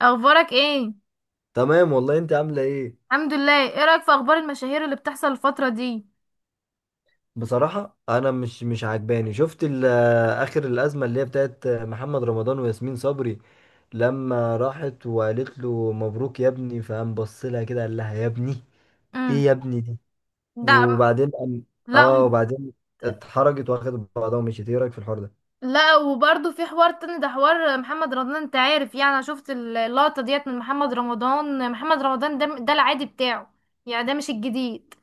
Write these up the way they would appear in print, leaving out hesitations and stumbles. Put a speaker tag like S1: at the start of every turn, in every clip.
S1: اخبارك ايه؟
S2: تمام والله، انت عامله ايه؟
S1: الحمد لله. ايه رايك في اخبار المشاهير اللي بتحصل الفتره دي؟
S2: بصراحه انا مش عجباني. اخر الازمه اللي هي بتاعت محمد رمضان وياسمين صبري، لما راحت وقالت له مبروك يا ابني، فقام بص لها كده قال لها يا ابني. ايه
S1: امم
S2: يا ابني دي؟
S1: ده
S2: وبعدين قام-
S1: لا
S2: اه،
S1: و-
S2: وبعدين اتحرجت واخدت بعضها ومشيت. ايه رايك في الحوار ده؟
S1: لا، وبرضه في حوار تاني، ده حوار محمد رمضان. انت عارف، يعني انا شفت اللقطه ديت من محمد رمضان ده العادي بتاعه، يعني ده مش الجديد.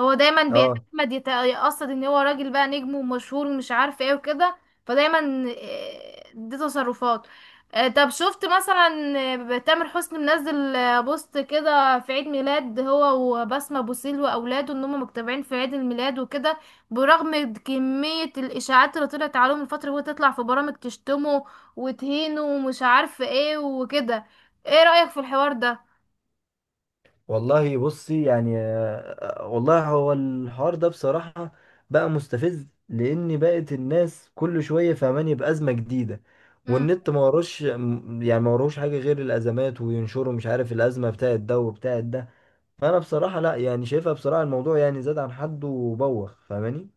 S1: هو دايما
S2: اه،
S1: بيتعمد يتقصد ان هو راجل بقى نجم ومشهور ومش عارف ايه وكده. فدايما دي تصرفات. طب شفت مثلا تامر حسني منزل بوست كده في عيد ميلاد هو وبسمة بوسيل واولاده، ان هم مجتمعين في عيد الميلاد وكده، برغم كمية الاشاعات اللي طلعت عليهم الفترة، وهي تطلع في برامج تشتمه وتهينه ومش عارف ايه وكده. ايه رأيك في الحوار ده؟
S2: والله بصي، يعني والله هو الحوار ده بصراحة بقى مستفز، لأن بقت الناس كل شوية فهماني بأزمة جديدة. والنت ما وروش يعني ما وروش حاجة غير الأزمات، وينشروا مش عارف الأزمة بتاعت ده وبتاعت ده. فأنا بصراحة لا يعني شايفها، بصراحة الموضوع يعني زاد عن حد وبوخ فاهماني.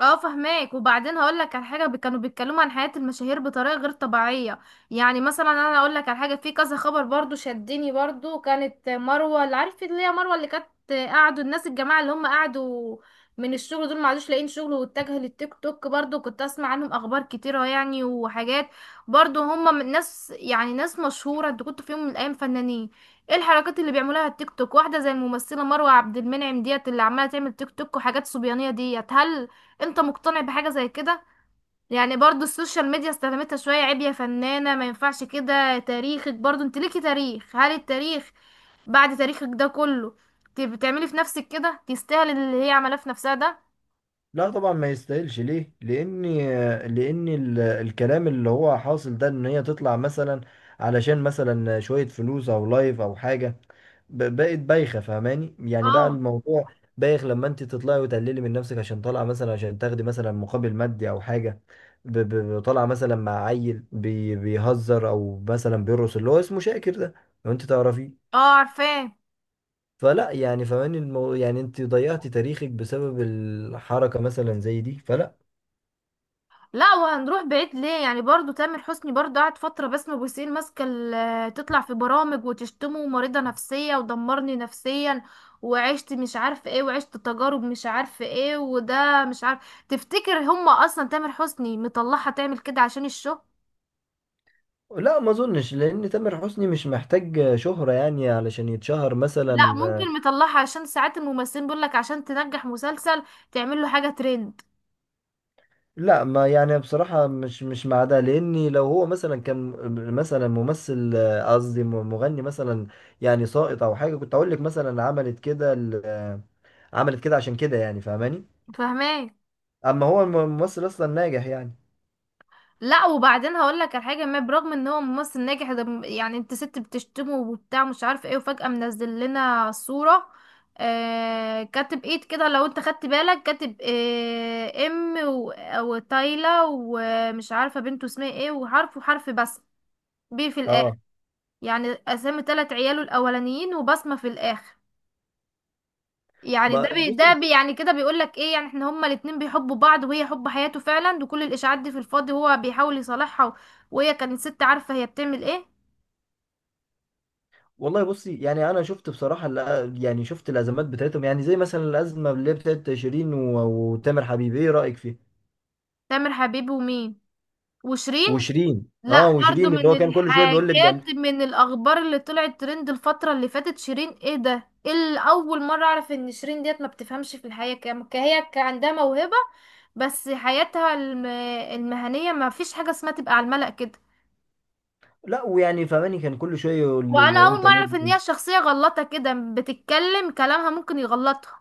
S1: اه، فهماك. وبعدين هقول لك على حاجه، كانوا بيتكلموا عن حياه المشاهير بطريقه غير طبيعيه. يعني مثلا انا اقول لك على حاجه، في كذا خبر برضو شدني. برضو كانت مروه، اللي عارف، اللي هي مروه اللي كانت قعدوا الناس، الجماعه اللي هم قعدوا من الشغل دول ما عادوش لاقيين شغل واتجهوا للتيك توك. برضو كنت اسمع عنهم اخبار كتيره يعني وحاجات، برضو هم من ناس، يعني ناس مشهوره. انت كنت في يوم من الايام فنانين. ايه الحركات اللي بيعملوها على التيك توك؟ واحده زي الممثله مروه عبد المنعم ديت، اللي عماله تعمل تيك توك وحاجات صبيانيه ديت. هل انت مقتنع بحاجة زي كده؟ يعني برضو السوشيال ميديا استخدمتها شوية. عيب يا فنانة، ما ينفعش كده. تاريخك، برضو انت ليكي تاريخ. هل التاريخ بعد تاريخك ده كله، بتعملي في نفسك كده؟ تستاهل اللي هي عملاه في نفسها ده.
S2: لا طبعا ما يستاهلش. ليه؟ لان الكلام اللي هو حاصل ده ان هي تطلع مثلا علشان مثلا شوية فلوس او لايف او حاجة. بقت بايخة فاهماني، يعني بقى
S1: اه
S2: الموضوع بايخ لما انت تطلعي وتقللي من نفسك عشان طالعة مثلا عشان تاخدي مثلا مقابل مادي او حاجة. طالعة مثلا مع عيل بيهزر او مثلا بيرقص اللي هو اسمه شاكر ده، لو انت تعرفيه.
S1: اه، عارفاه.
S2: فلا يعني فاهماني يعني انت ضيعتي تاريخك بسبب الحركة مثلا زي دي، فلا.
S1: لا، وهنروح بعيد ليه؟ يعني برضو تامر حسني، برضو قعد فترة بسمة بوسين ماسكة تطلع في برامج وتشتمه: مريضة نفسية، ودمرني نفسيا، وعشت مش عارف ايه، وعشت تجارب مش عارف ايه، وده مش عارف. تفتكر هما اصلا تامر حسني مطلعها تعمل كده عشان الشو؟
S2: لا ما اظنش، لان تامر حسني مش محتاج شهرة يعني علشان يتشهر
S1: لا،
S2: مثلا.
S1: ممكن مطلعها عشان ساعات الممثلين بيقولك عشان تنجح مسلسل تعمل له حاجة ترند.
S2: لا، ما يعني بصراحة مش مع ده، لاني لو هو مثلا كان مثلا ممثل، قصدي مغني مثلا، يعني ساقط او حاجة، كنت اقول لك مثلا عملت كده عملت كده عشان كده يعني فاهماني.
S1: فاهمين.
S2: اما هو الممثل اصلا ناجح يعني.
S1: لا، وبعدين هقول لك على حاجه. ما برغم ان هو ممثل ناجح، ده يعني انت ست بتشتمه وبتاع مش عارفه ايه، وفجاه منزل لنا صوره. آه، كاتب ايد كده. لو انت خدت بالك كاتب آه وتايلا ومش عارفه بنته اسمها ايه، وحرف وحرف، بس بي في الاخر.
S2: اه،
S1: يعني اسامي تلات عياله الاولانيين وبصمه في الاخر. يعني ده
S2: ما
S1: بي، ده
S2: بصي.
S1: بي، يعني كده بيقول لك ايه؟ يعني احنا هما الاتنين بيحبوا بعض، وهي حب حياته فعلا، وكل الاشاعات دي في الفاضي، وهو بيحاول يصالحها و- وهي كانت ست عارفه هي بتعمل ايه.
S2: والله بصي، يعني انا شفت بصراحه يعني شفت الازمات بتاعتهم، يعني زي مثلا الازمه اللي هي بتاعت شيرين و- وتامر حبيبي. ايه رايك فيها
S1: تامر حبيب ومين؟ وشيرين.
S2: وشيرين؟
S1: لا،
S2: اه،
S1: برضه
S2: وشيرين اللي
S1: من
S2: هو كان كل شويه بيقول لك ده.
S1: الحاجات، من الاخبار اللي طلعت ترند الفتره اللي فاتت، شيرين. ايه ده؟ اللي اول مره اعرف ان شيرين ديت ما بتفهمش في الحياه كام. هي كان عندها موهبه، بس حياتها المهنيه ما فيش حاجه اسمها تبقى على الملأ كده.
S2: لا، ويعني فماني كان كل شويه يقول
S1: وانا اول
S2: انت
S1: مره اعرف ان
S2: مدمن.
S1: هي شخصيه غلطه كده، بتتكلم كلامها ممكن يغلطها.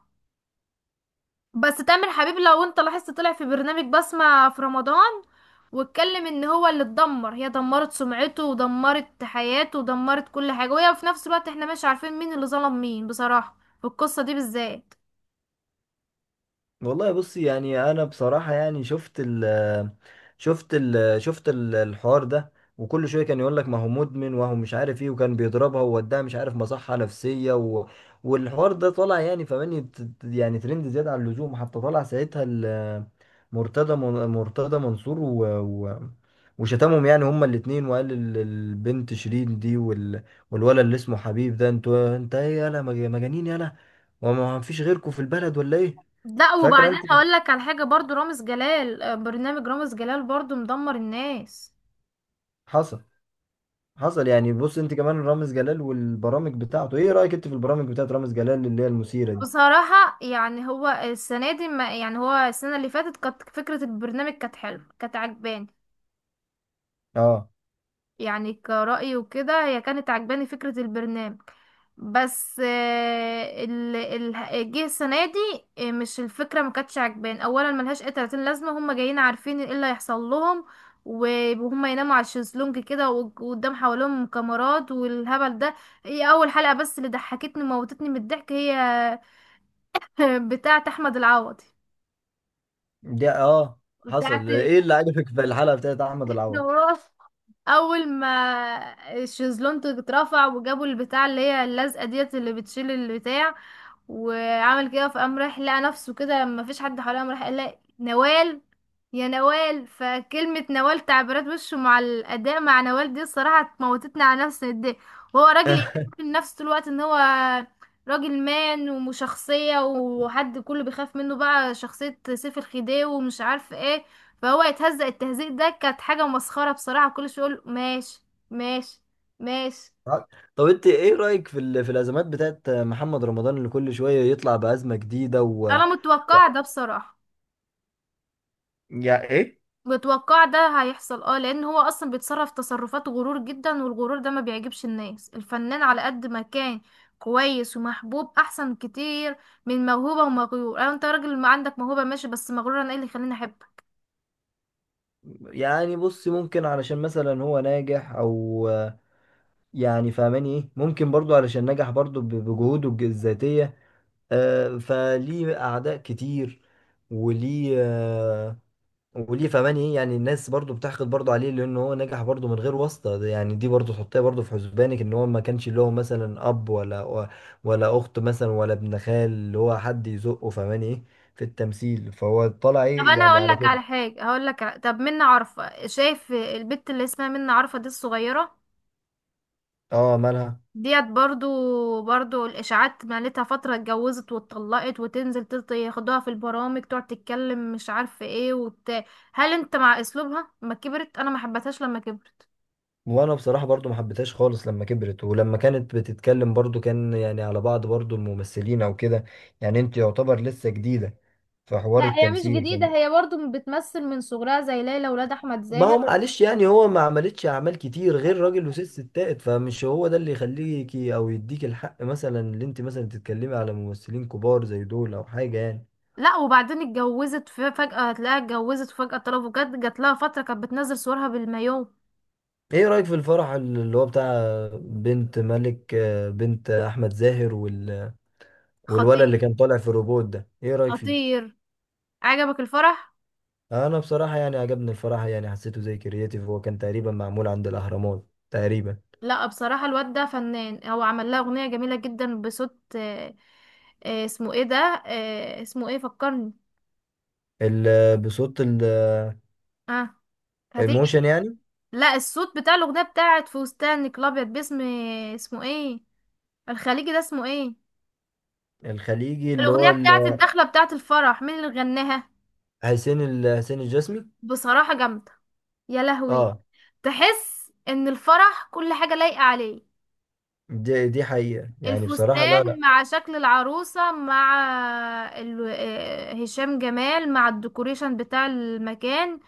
S1: بس تامر حبيب، لو انت لاحظت، طلع في برنامج بسمة في رمضان واتكلم ان هو اللي اتدمر، هي دمرت سمعته ودمرت حياته ودمرت كل حاجه، وهي في نفس الوقت. احنا مش عارفين مين اللي ظلم مين بصراحه في القصه دي بالذات.
S2: والله بصي، يعني انا بصراحه يعني شفت الحوار ده، وكل شويه كان يقول لك ما هو مدمن وهو مش عارف ايه، وكان بيضربها ووداها مش عارف مصحه نفسيه والحوار ده طالع يعني فماني يعني ترند زياده عن اللزوم. حتى طلع ساعتها مرتضى منصور وشتمهم يعني هما الاتنين، وقال البنت شيرين دي والولد اللي اسمه حبيب ده. انتوا انت ايه يالا، مجانين يالا، وما فيش غيركم في البلد ولا ايه؟
S1: لا،
S2: فاكره
S1: وبعدين
S2: انت؟
S1: هقول لك على حاجه. برضو رامز جلال، برنامج رامز جلال، برضو مدمر الناس.
S2: حصل حصل، يعني بص انت كمان رامز جلال والبرامج بتاعته. ايه رأيك انت في البرامج بتاعت رامز جلال اللي هي المثيرة دي؟
S1: بصراحة يعني هو السنة دي، ما يعني هو السنة اللي فاتت كانت فكرة البرنامج كانت حلوة، كانت عجباني،
S2: اه،
S1: يعني كرأيي وكده. هي كانت عجباني فكرة البرنامج، بس ال جه السنة دي مش الفكرة، ما كانتش عجباني. أولا ملهاش أي 30 لازمة، هما جايين عارفين ايه اللي هيحصل لهم، و- وهم يناموا على الشезлونج كده، و- وقدام حواليهم كاميرات والهبل ده. هي أول حلقة بس اللي ضحكتني، موتتني من الضحك، هي بتاعة أحمد العوضي،
S2: دي اه.
S1: بتاعت
S2: حصل، ايه اللي عجبك في الحلقة بتاعت احمد العوض؟
S1: وراث. اول ما الشيزلون اترفع، وجابوا البتاع اللي هي اللزقه ديت اللي بتشيل البتاع، وعمل كده، فقام رايح لقى نفسه كده ما فيش حد حواليه، قام راح قال لها: نوال، يا نوال. فكلمة نوال، تعبيرات وشه مع الأداء مع نوال دي، الصراحة موتتني على نفسي من الضحك. وهو راجل يعمل من نفسه طول الوقت ان هو راجل مان وشخصية، وحد كله بيخاف منه، بقى شخصية سيف الخديوي ومش عارف ايه. فهو يتهزق، التهزيق ده كانت حاجة مسخرة بصراحة. كل شوية يقول: ماشي، ماشي، ماشي.
S2: اه. طب انت ايه رأيك في في الازمات بتاعت محمد رمضان، اللي كل شوية يطلع بأزمة جديدة و...
S1: انا متوقع ده بصراحة.
S2: يا ايه.
S1: متوقع ده هيحصل، اه، لان هو اصلا بيتصرف تصرفات غرور جدا. والغرور ده ما بيعجبش الناس. الفنان على قد ما كان كويس ومحبوب احسن كتير من موهوبة ومغيور. أو انت راجل ما عندك موهوبة، ماشي، بس مغرور، انا ايه اللي يخليني احبك؟
S2: يعني بص ممكن علشان مثلا هو ناجح، او يعني فاهماني ايه، ممكن برضو علشان نجح برضو بجهوده الذاتية. فليه أعداء كتير. وليه آه، وليه فمان ايه، يعني الناس برضو بتحقد برضو عليه، لأن هو نجح برضو من غير واسطة. ده يعني دي برضو تحطيها برضو في حسبانك، إن هو ما كانش له مثلا أب، ولا ولا أخت مثلا، ولا ابن خال اللي هو حد يزقه فمان ايه في التمثيل، فهو طلع
S1: طب
S2: ايه
S1: انا
S2: يعني
S1: هقول
S2: على
S1: لك
S2: كده.
S1: على حاجة. طب منى عارفة، شايف البت اللي اسمها منى عارفة دي الصغيرة؟
S2: اه، مالها؟
S1: ديت برضو الاشاعات مالتها فتره. اتجوزت واتطلقت، وتنزل ياخدوها في البرامج تقعد تتكلم مش عارفه ايه وت... هل انت مع اسلوبها ما كبرت؟ انا ما حبتهاش لما كبرت.
S2: وانا بصراحة برضو ما حبيتهاش خالص لما كبرت، ولما كانت بتتكلم برضو كان يعني على بعض برضو الممثلين او كده. يعني انت يعتبر لسه جديدة في حوار
S1: لا، هي مش
S2: التمثيل
S1: جديدة، هي برضو بتمثل من صغرها زي ليلى ولاد أحمد
S2: ما هو
S1: زاهر.
S2: معلش، يعني هو ما عملتش اعمال كتير غير راجل وست ستات، فمش هو ده اللي يخليكي او يديك الحق مثلا اللي انت مثلا تتكلمي على ممثلين كبار زي دول او حاجة يعني.
S1: لا، وبعدين اتجوزت. فجاه هتلاقيها اتجوزت، وفجاه طلبوا، جات لها فتره كانت بتنزل صورها بالمايو.
S2: ايه رأيك في الفرح اللي هو بتاع بنت ملك، بنت احمد زاهر والولد اللي
S1: خطير.
S2: كان طالع في الروبوت ده؟ ايه رأيك فيه؟
S1: خطير. عجبك الفرح؟
S2: انا بصراحه يعني عجبني الفراحه، يعني حسيته زي كرياتيف، هو كان تقريبا معمول عند الاهرامات تقريبا.
S1: لا، بصراحة الواد ده فنان. هو عمل لها أغنية جميلة جدا بصوت اسمه ايه ده؟ اسمه ايه؟ فكرني.
S2: بصوت
S1: اه، هتيجي.
S2: الموشن يعني.
S1: لا، الصوت بتاع الأغنية بتاعت فستانك الأبيض، باسم اسمه ايه، الخليجي ده، اسمه ايه؟
S2: الخليجي اللي
S1: الأغنية
S2: هو
S1: بتاعت الدخلة بتاعت الفرح، مين اللي غناها؟
S2: حسين الجسمي.
S1: بصراحة جامدة. يا لهوي.
S2: اه،
S1: تحس ان الفرح كل حاجة لايقة عليه.
S2: دي حقيقه يعني بصراحه، لا
S1: الفستان
S2: لا.
S1: مع شكل العروسة، مع هشام جمال، مع الديكوريشن بتاع المكان،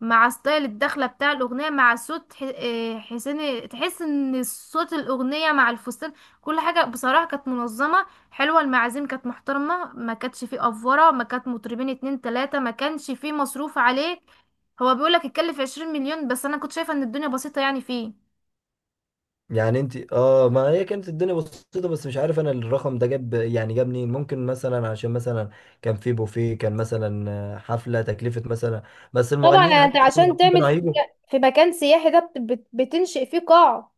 S1: مع ستايل الدخلة بتاع الأغنية، مع صوت حسين، تحس ان صوت الأغنية مع الفستان، كل حاجة بصراحة كانت منظمة، حلوة. المعازيم كانت محترمة، ما كانتش فيه أفورة، ما كانت مطربين اتنين تلاتة، ما كانش فيه مصروف عليه. هو بيقولك اتكلف 20 مليون، بس أنا كنت شايفة ان الدنيا بسيطة يعني فيه.
S2: يعني انت اه، ما هي كانت الدنيا بسيطه، بس مش عارف انا الرقم ده جاب يعني جاب منين. ممكن مثلا عشان مثلا كان في بوفيه، كان مثلا حفله تكلفه مثلا، بس
S1: طبعا،
S2: المغنيين
S1: يعني انت
S2: حتى
S1: عشان
S2: المغنيين
S1: تعمل
S2: كانوا
S1: في
S2: هيجوا.
S1: في مكان سياحي ده بتنشئ فيه قاعة.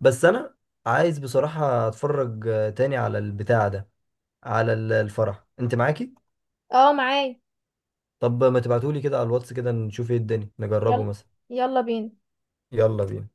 S2: بس انا عايز بصراحة اتفرج تاني على البتاع ده، على الفرح انت معاكي؟
S1: اه، معايا.
S2: طب ما تبعتولي كده على الواتس كده نشوف ايه الدنيا، نجربه
S1: يلا.
S2: مثلا.
S1: يلا بينا.
S2: يلا بينا.